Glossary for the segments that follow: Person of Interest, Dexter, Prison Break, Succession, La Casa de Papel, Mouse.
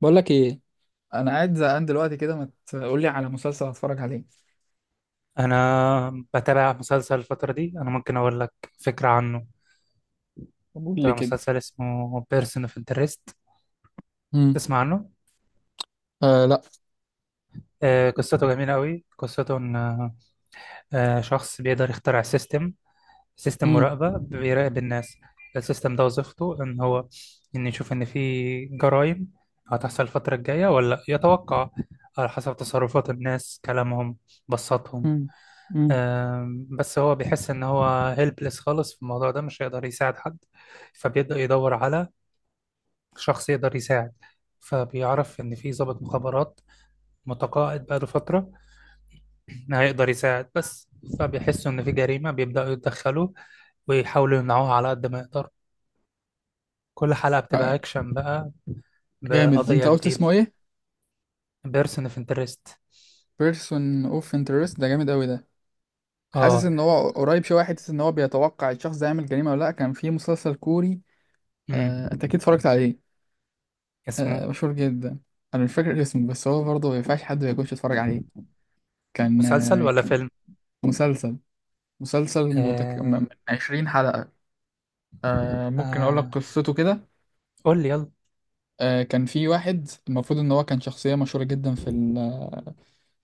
بقول لك ايه؟ انا قاعد زهقان دلوقتي كده، ما تقول لي على مسلسل اتفرج عليه. انا بتابع مسلسل الفتره دي، انا ممكن اقول لك فكره عنه. طب قول لي بتابع كده. مسلسل اسمه بيرسون اوف انترست، امم. تسمع عنه؟ آه لا. قصته جميله قوي. قصته ان شخص بيقدر يخترع سيستم سيستم امم. مراقبه، بيراقب الناس. السيستم ده وظيفته ان هو ان يشوف ان في جرائم هتحصل الفتره الجايه ولا لا. يتوقع على حسب تصرفات الناس، كلامهم، بصاتهم. امم. امم. بس هو بيحس ان هو هيلبلس خالص في الموضوع ده، مش هيقدر يساعد حد. فبيبدأ يدور على شخص يقدر يساعد. فبيعرف ان في ضابط مخابرات متقاعد بقاله فترة هيقدر يساعد. بس فبيحسوا ان في جريمة، بيبدأوا يتدخلوا ويحاولوا يمنعوها على قد ما يقدر. كل حلقة آه. بتبقى اكشن بقى جامد. انت بقضية قلت اسمه جديدة. ايه؟ بيرسون اوف انترست. بيرسون اوف انترست ده جامد قوي ده. حاسس اه. ان هو قريب شويه، حته ان هو بيتوقع الشخص ده يعمل جريمه ولا لا. كان في مسلسل كوري. امم. آه، انت اكيد اتفرجت عليه. آه، اسمه. مشهور جدا. انا مش فاكر اسمه، بس هو برضه ما ينفعش حد ما يكونش اتفرج عليه. كان مسلسل آه ولا كان فيلم؟ مسلسل مسلسل آه. من 20 حلقه. آه، ممكن اقول لك آه، قصته كده. قول لي يلا. آه، كان في واحد المفروض ان هو كان شخصية مشهورة جدا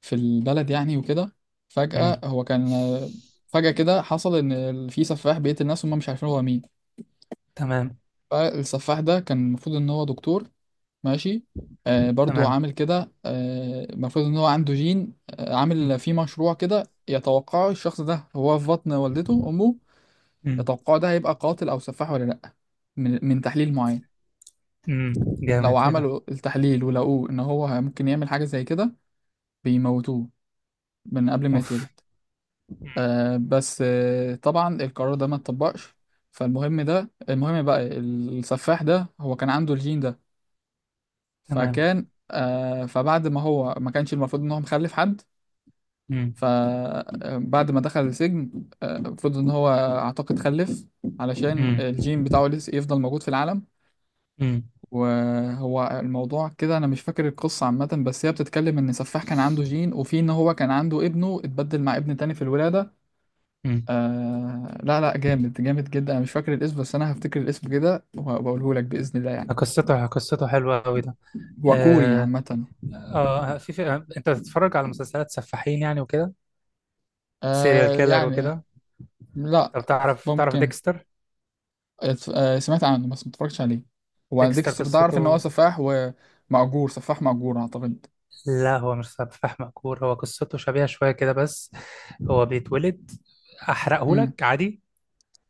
في البلد يعني وكده. امم. فجأة هو كان فجأة كده حصل في سفاح بيقتل الناس وهم مش عارفين هو مين. تمام. فالسفاح ده كان المفروض ان هو دكتور. ماشي. آه، برضو تمام. عامل كده، المفروض ان هو عنده جين، مم. عامل فيه مشروع كده يتوقعه الشخص ده هو في بطن والدته امه. مم. يتوقعه ده هيبقى قاتل او سفاح ولا لا، من تحليل معين. مم. لو جامد، ايه ده. عملوا التحليل ولقوه ان هو ممكن يعمل حاجة زي كده بيموتوه من قبل ما اوف. يتولد. مم. بس طبعا القرار ده ما اتطبقش. فالمهم، ده المهم بقى، السفاح ده هو كان عنده الجين ده. تمام. فكان آه فبعد ما هو ما كانش المفروض ان هو مخلف حد. مم. فبعد ما دخل السجن، المفروض ان هو اعتقد خلف علشان مم. الجين بتاعه لسه يفضل موجود في العالم. مم. وهو الموضوع كده، انا مش فاكر القصة عامة، بس هي بتتكلم ان سفاح كان عنده جين وفي ان هو كان عنده ابنه اتبدل مع ابن تاني في الولادة. مم. آه لا لا، جامد جامد جدا. انا مش فاكر الاسم بس انا هفتكر الاسم كده وبقوله لك باذن الله يعني. قصته، قصته حلوة أوي ده. هو كوري آه, عامه. آه في, في آه، أنت بتتفرج على مسلسلات سفاحين يعني وكده؟ سيريال آه كيلر يعني. وكده. لا. طب تعرف ممكن ديكستر؟ سمعت عنه بس ما اتفرجتش عليه. هو ديكستر ديكستر ده اعرف ان هو قصته. سفاح. ومأجور، سفاح مأجور اعتقد. لا، هو مش سفاح مأجور، هو قصته شبيهة شوية كده بس. هو بيتولد. امم. أحرقهولك عادي.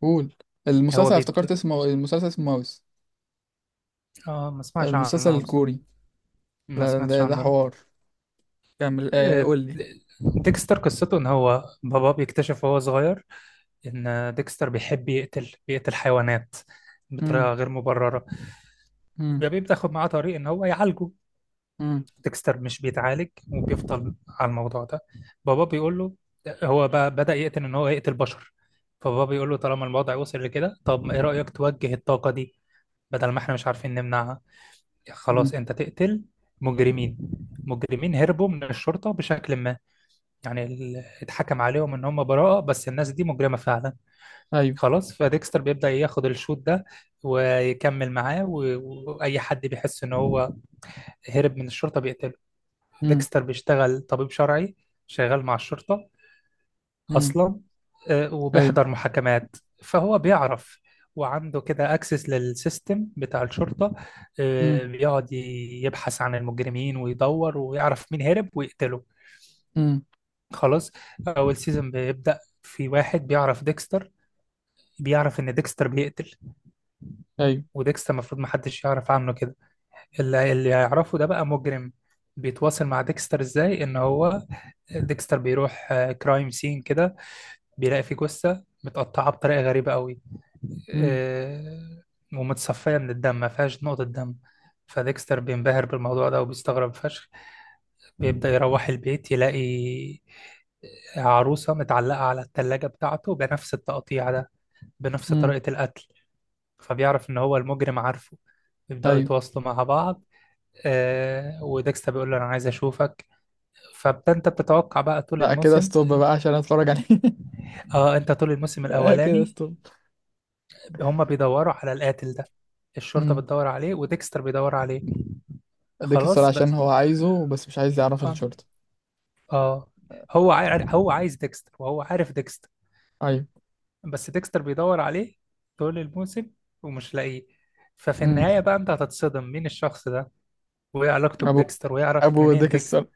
قول. هو المسلسل بيت افتكرت اسمه، المسلسل اسمه ماوس. آه، ما سمعتش المسلسل عنه بصراحة. الكوري. ما لا، سمعتش ده عنه. حوار. كمل. آه، قول لي. ديكستر قصته ان هو بابا بيكتشف وهو صغير ان ديكستر بيحب يقتل، بيقتل حيوانات بطريقه امم. غير مبرره. امم. بيبقى بتاخد معاه طريق ان هو يعالجه. امم. ديكستر مش بيتعالج وبيفضل على الموضوع ده. بابا بيقول له، هو بقى بدأ يقتل، ان هو يقتل بشر. فبابا بيقول له طالما الوضع وصل لكده، طب ايه رأيك توجه الطاقه دي، بدل ما احنا مش عارفين نمنعها، أمم. خلاص انت تقتل مجرمين. مجرمين هربوا من الشرطه بشكل ما، يعني اتحكم عليهم ان هم براءة بس الناس دي مجرمة فعلا. ايوه. خلاص، فديكستر بيبدأ ياخد الشوط ده ويكمل معاه. واي حد بيحس ان هو هرب من الشرطة بيقتله. امم. ديكستر بيشتغل طبيب شرعي، شغال مع الشرطة امم. اصلا. ايوه. وبيحضر محاكمات. فهو بيعرف، وعنده كده اكسس للسيستم بتاع الشرطة. امم. بيقعد يبحث عن المجرمين ويدور ويعرف مين هرب ويقتله. امم. خلاص. اول سيزون بيبدأ في واحد بيعرف ديكستر، بيعرف ان ديكستر بيقتل. ايوه. وديكستر المفروض محدش يعرف عنه كده. اللي يعرفه ده بقى مجرم، بيتواصل مع ديكستر. ازاي ان هو ديكستر بيروح كرايم سين كده، بيلاقي فيه جثة متقطعة بطريقة غريبة قوي، امم. آه، ومتصفية من الدم، ما فيهاش نقطة دم. فديكستر بينبهر بالموضوع ده وبيستغرب فشخ. بيبدأ يروح البيت، يلاقي عروسة متعلقة على التلاجة بتاعته بنفس التقطيع ده، بنفس امم. طريقة القتل. فبيعرف إن هو المجرم عارفه. يبدأوا ايوه. يتواصلوا مع بعض. آه وديكستا بيقول له أنا عايز أشوفك. فأنت بتتوقع بقى طول لا كده الموسم. ستوب بقى عشان اتفرج عليه. آه، أنت طول الموسم آه، كده الأولاني، ستوب. هما بيدوروا على القاتل ده. الشرطة امم. بتدور عليه وديكستر بيدور عليه. اديك السؤال خلاص بس. عشان هو عايزه، بس مش عايز يعرف آه, الشورت. آه. هو عايز ديكستر وهو عارف ديكستر. ايوه. بس ديكستر بيدور عليه طول الموسم ومش لاقيه. ففي امم. النهاية بقى انت هتتصدم مين الشخص ده وايه علاقته ابو. بديكستر ويعرف ابو منين ديكستر. ديكستر.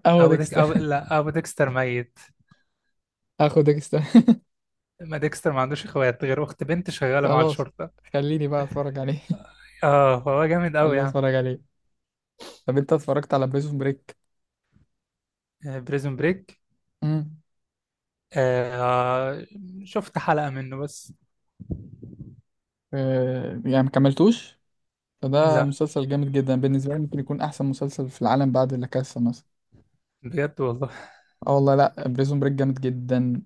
اهو او ديك ديكستر. او لا او ديكستر ميت. اخو ديكستر. ما ديكستر ما عندوش اخوات غير اخت بنت شغالة مع خلاص. الشرطة. خليني بقى اتفرج عليه. اه فهو جامد قوي خليني يعني. اتفرج عليه. طب انت اتفرجت على بريزون بريك؟ بريزون بريك. امم. آه، شفت حلقة منه بس. آه يعني، ما كملتوش. فده لا مسلسل جامد جدا بالنسبه لي، ممكن يكون احسن مسلسل في العالم بعد لا كاسا مثلا. بجد والله. اه والله، لا بريزون بريك جامد جدا.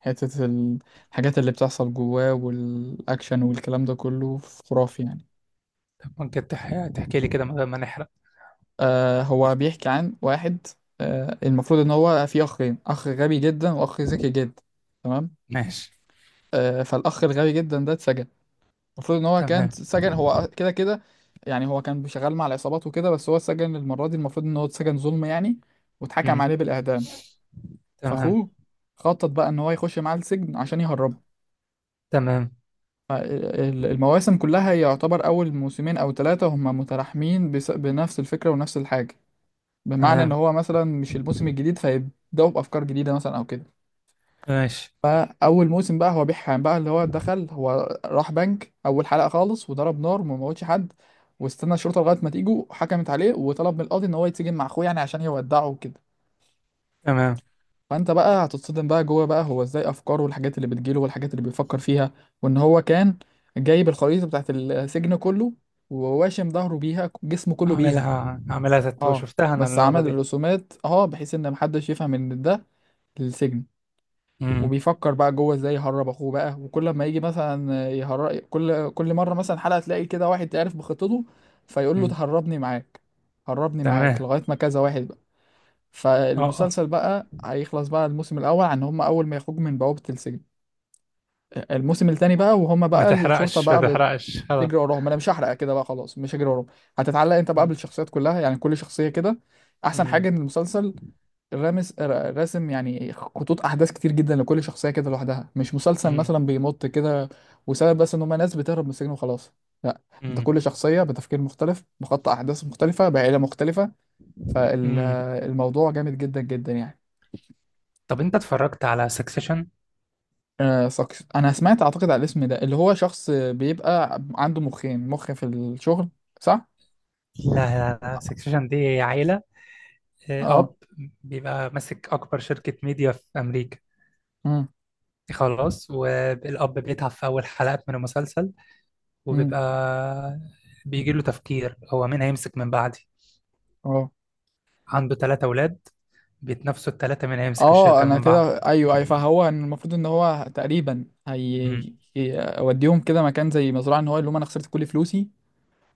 حتة ال- الحاجات اللي بتحصل جواه والأكشن والكلام ده كله خرافي يعني. ممكن تحكي لي كده من غير ما نحرق؟ آه، هو بيحكي عن واحد. آه، المفروض إن هو فيه أخين، أخ غبي جدا وأخ ذكي جدا. تمام. ماشي. آه، فالأخ الغبي جدا ده اتسجن. المفروض إن هو كان تمام. اتسجن هو كده كده. يعني هو كان شغال مع العصابات وكده، بس هو اتسجن المرة دي المفروض إن هو اتسجن ظلم يعني، واتحكم مم. عليه بالإعدام. تمام. فأخوه خطط بقى إن هو يخش معاه السجن عشان يهربه. تمام. المواسم كلها يعتبر أول موسمين أو ثلاثة هما متلاحمين، بنفس الفكرة ونفس الحاجة. بمعنى إن تمام. هو مثلا مش الموسم الجديد فيبدأوا بأفكار جديدة مثلا أو كده. ماشي. فأول موسم بقى هو بيحام بقى، اللي هو دخل هو راح بنك أول حلقة خالص وضرب نار وما موتش حد. واستنى الشرطة لغاية ما تيجوا حكمت عليه، وطلب من القاضي إن هو يتسجن مع أخوه يعني عشان يودعه وكده. تمام. فانت بقى هتتصدم بقى جوه بقى، هو ازاي افكاره والحاجات اللي بتجيله والحاجات اللي بيفكر فيها. وان هو كان جايب الخريطه بتاعت السجن كله، وواشم ظهره بيها، جسمه كله بيها. اعملها اعملها تاتو، اه، شفتها انا بس اللقطة عمل دي. الرسومات اه بحيث ان محدش يفهم ان ده للسجن. امم. وبيفكر بقى جوه ازاي يهرب اخوه بقى، وكل ما يجي مثلا يهرب كل مره مثلا حلقه تلاقي كده واحد تعرف بخطته فيقول له أمم. تهربني معاك، هربني معاك، تمام. لغايه ما كذا واحد. اه آه. فالمسلسل بقى هيخلص بقى الموسم الأول عن هم أول ما يخرجوا من بوابة السجن. الموسم التاني بقى وهم ما بقى الشرطة تحرقش، ما بقى بتجري تحرقش، خلاص. وراهم. أنا مش هحرق كده بقى، خلاص مش هجري وراهم. هتتعلق أنت بقى أمم. بالشخصيات كلها، يعني كل شخصية كده. أحسن أمم. حاجة إن المسلسل راسم يعني خطوط أحداث كتير جدا لكل شخصية كده لوحدها. مش مسلسل أمم. مثلا بيمط كده، وسبب بس إن هم ناس بتهرب من السجن وخلاص. لا. أنت أمم. كل شخصية بتفكير مختلف، بخط أحداث مختلفة، بعيلة مختلفة. أمم. فالموضوع جامد جدا جدا يعني. طب انت اتفرجت على سكسيشن؟ آه ساكس، انا سمعت اعتقد على الاسم ده، اللي هو شخص بيبقى عنده مخ في الشغل. صح. لا لا لا، سكسيشن دي عيلة. اه. اب بيبقى ماسك اكبر شركة ميديا في امريكا. امم. خلاص، والاب بيتعب في اول حلقات من المسلسل، وبيبقى امم. بيجي له تفكير، هو مين هيمسك من بعدي. اه. عنده 3 اولاد، بيتنافسوا الثلاثة مين هيمسك اه الشركة انا من بعض. كده، ايوه ايوه، فهو إن المفروض ان هو تقريبا هيوديهم كده مكان زي مزرعه ان هو اللي هم انا خسرت كل فلوسي،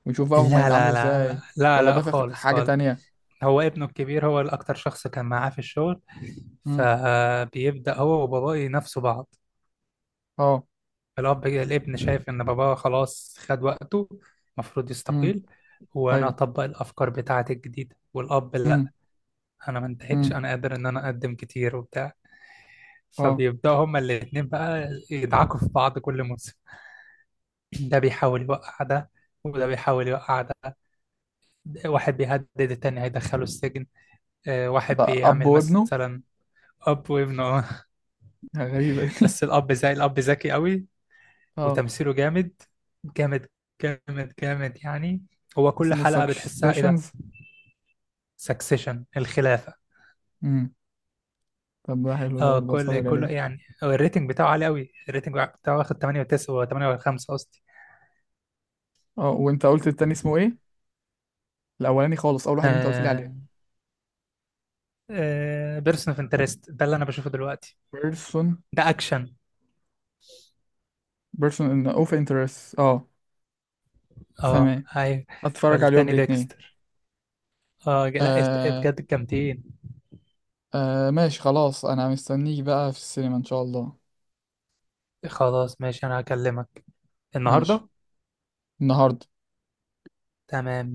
ويشوف بقى هم لا هيتعاملوا لا لا ازاي. لا لا ولا لا، ده خالص حاجه خالص. تانية. هو ابنه الكبير هو الأكتر شخص كان معاه في الشغل. امم. فبيبدأ هو وباباه ينافسوا بعض. اه. الأب، الابن شايف إن باباه خلاص خد وقته، المفروض امم. يستقيل، وأنا ايوه. أطبق الأفكار بتاعتي الجديدة. والأب لا، امم. أنا ما انتهتش، امم. أنا قادر إن أنا أقدم كتير وبتاع. اه. فبيبدأوا هما الاتنين بقى يدعكوا في بعض كل موسم. ده بيحاول يوقع ده، وده بيحاول يوقع ده. واحد بيهدد التاني هيدخله السجن، واحد ده اب بيعمل وابنه؟ مثلا. اب وابنه. غريبه دي. بس الاب زي الاب ذكي قوي. اه. وتمثيله جامد، جامد، جامد جامد يعني. هو كل اسمه حلقة بتحسها ايه ده. سكسيشنز؟ سكسيشن الخلافة. امم. طب ده حلو، ده اه، برضه كل اتفرج كل عليه. يعني هو الريتنج بتاعه عالي قوي. الريتنج بتاعه واخد 8 و9 و8 و5 قصدي. اه، وانت قلت التاني اسمه ايه؟ الاولاني خالص، اول واحد انت قلت لي عليه. آه. آه بيرسون اوف انترست ده اللي انا بشوفه دلوقتي. person. ده اكشن. person in of interest، اه. اه تمام. ايوه. هتفرج عليه يوم والتاني الاثنين. ديكستر. اه لا آه. بجد جامدين. آه ماشي خلاص، انا مستنيك بقى في السينما ان شاء الله. خلاص ماشي، انا هكلمك ماشي. النهارده. النهارده. تمام.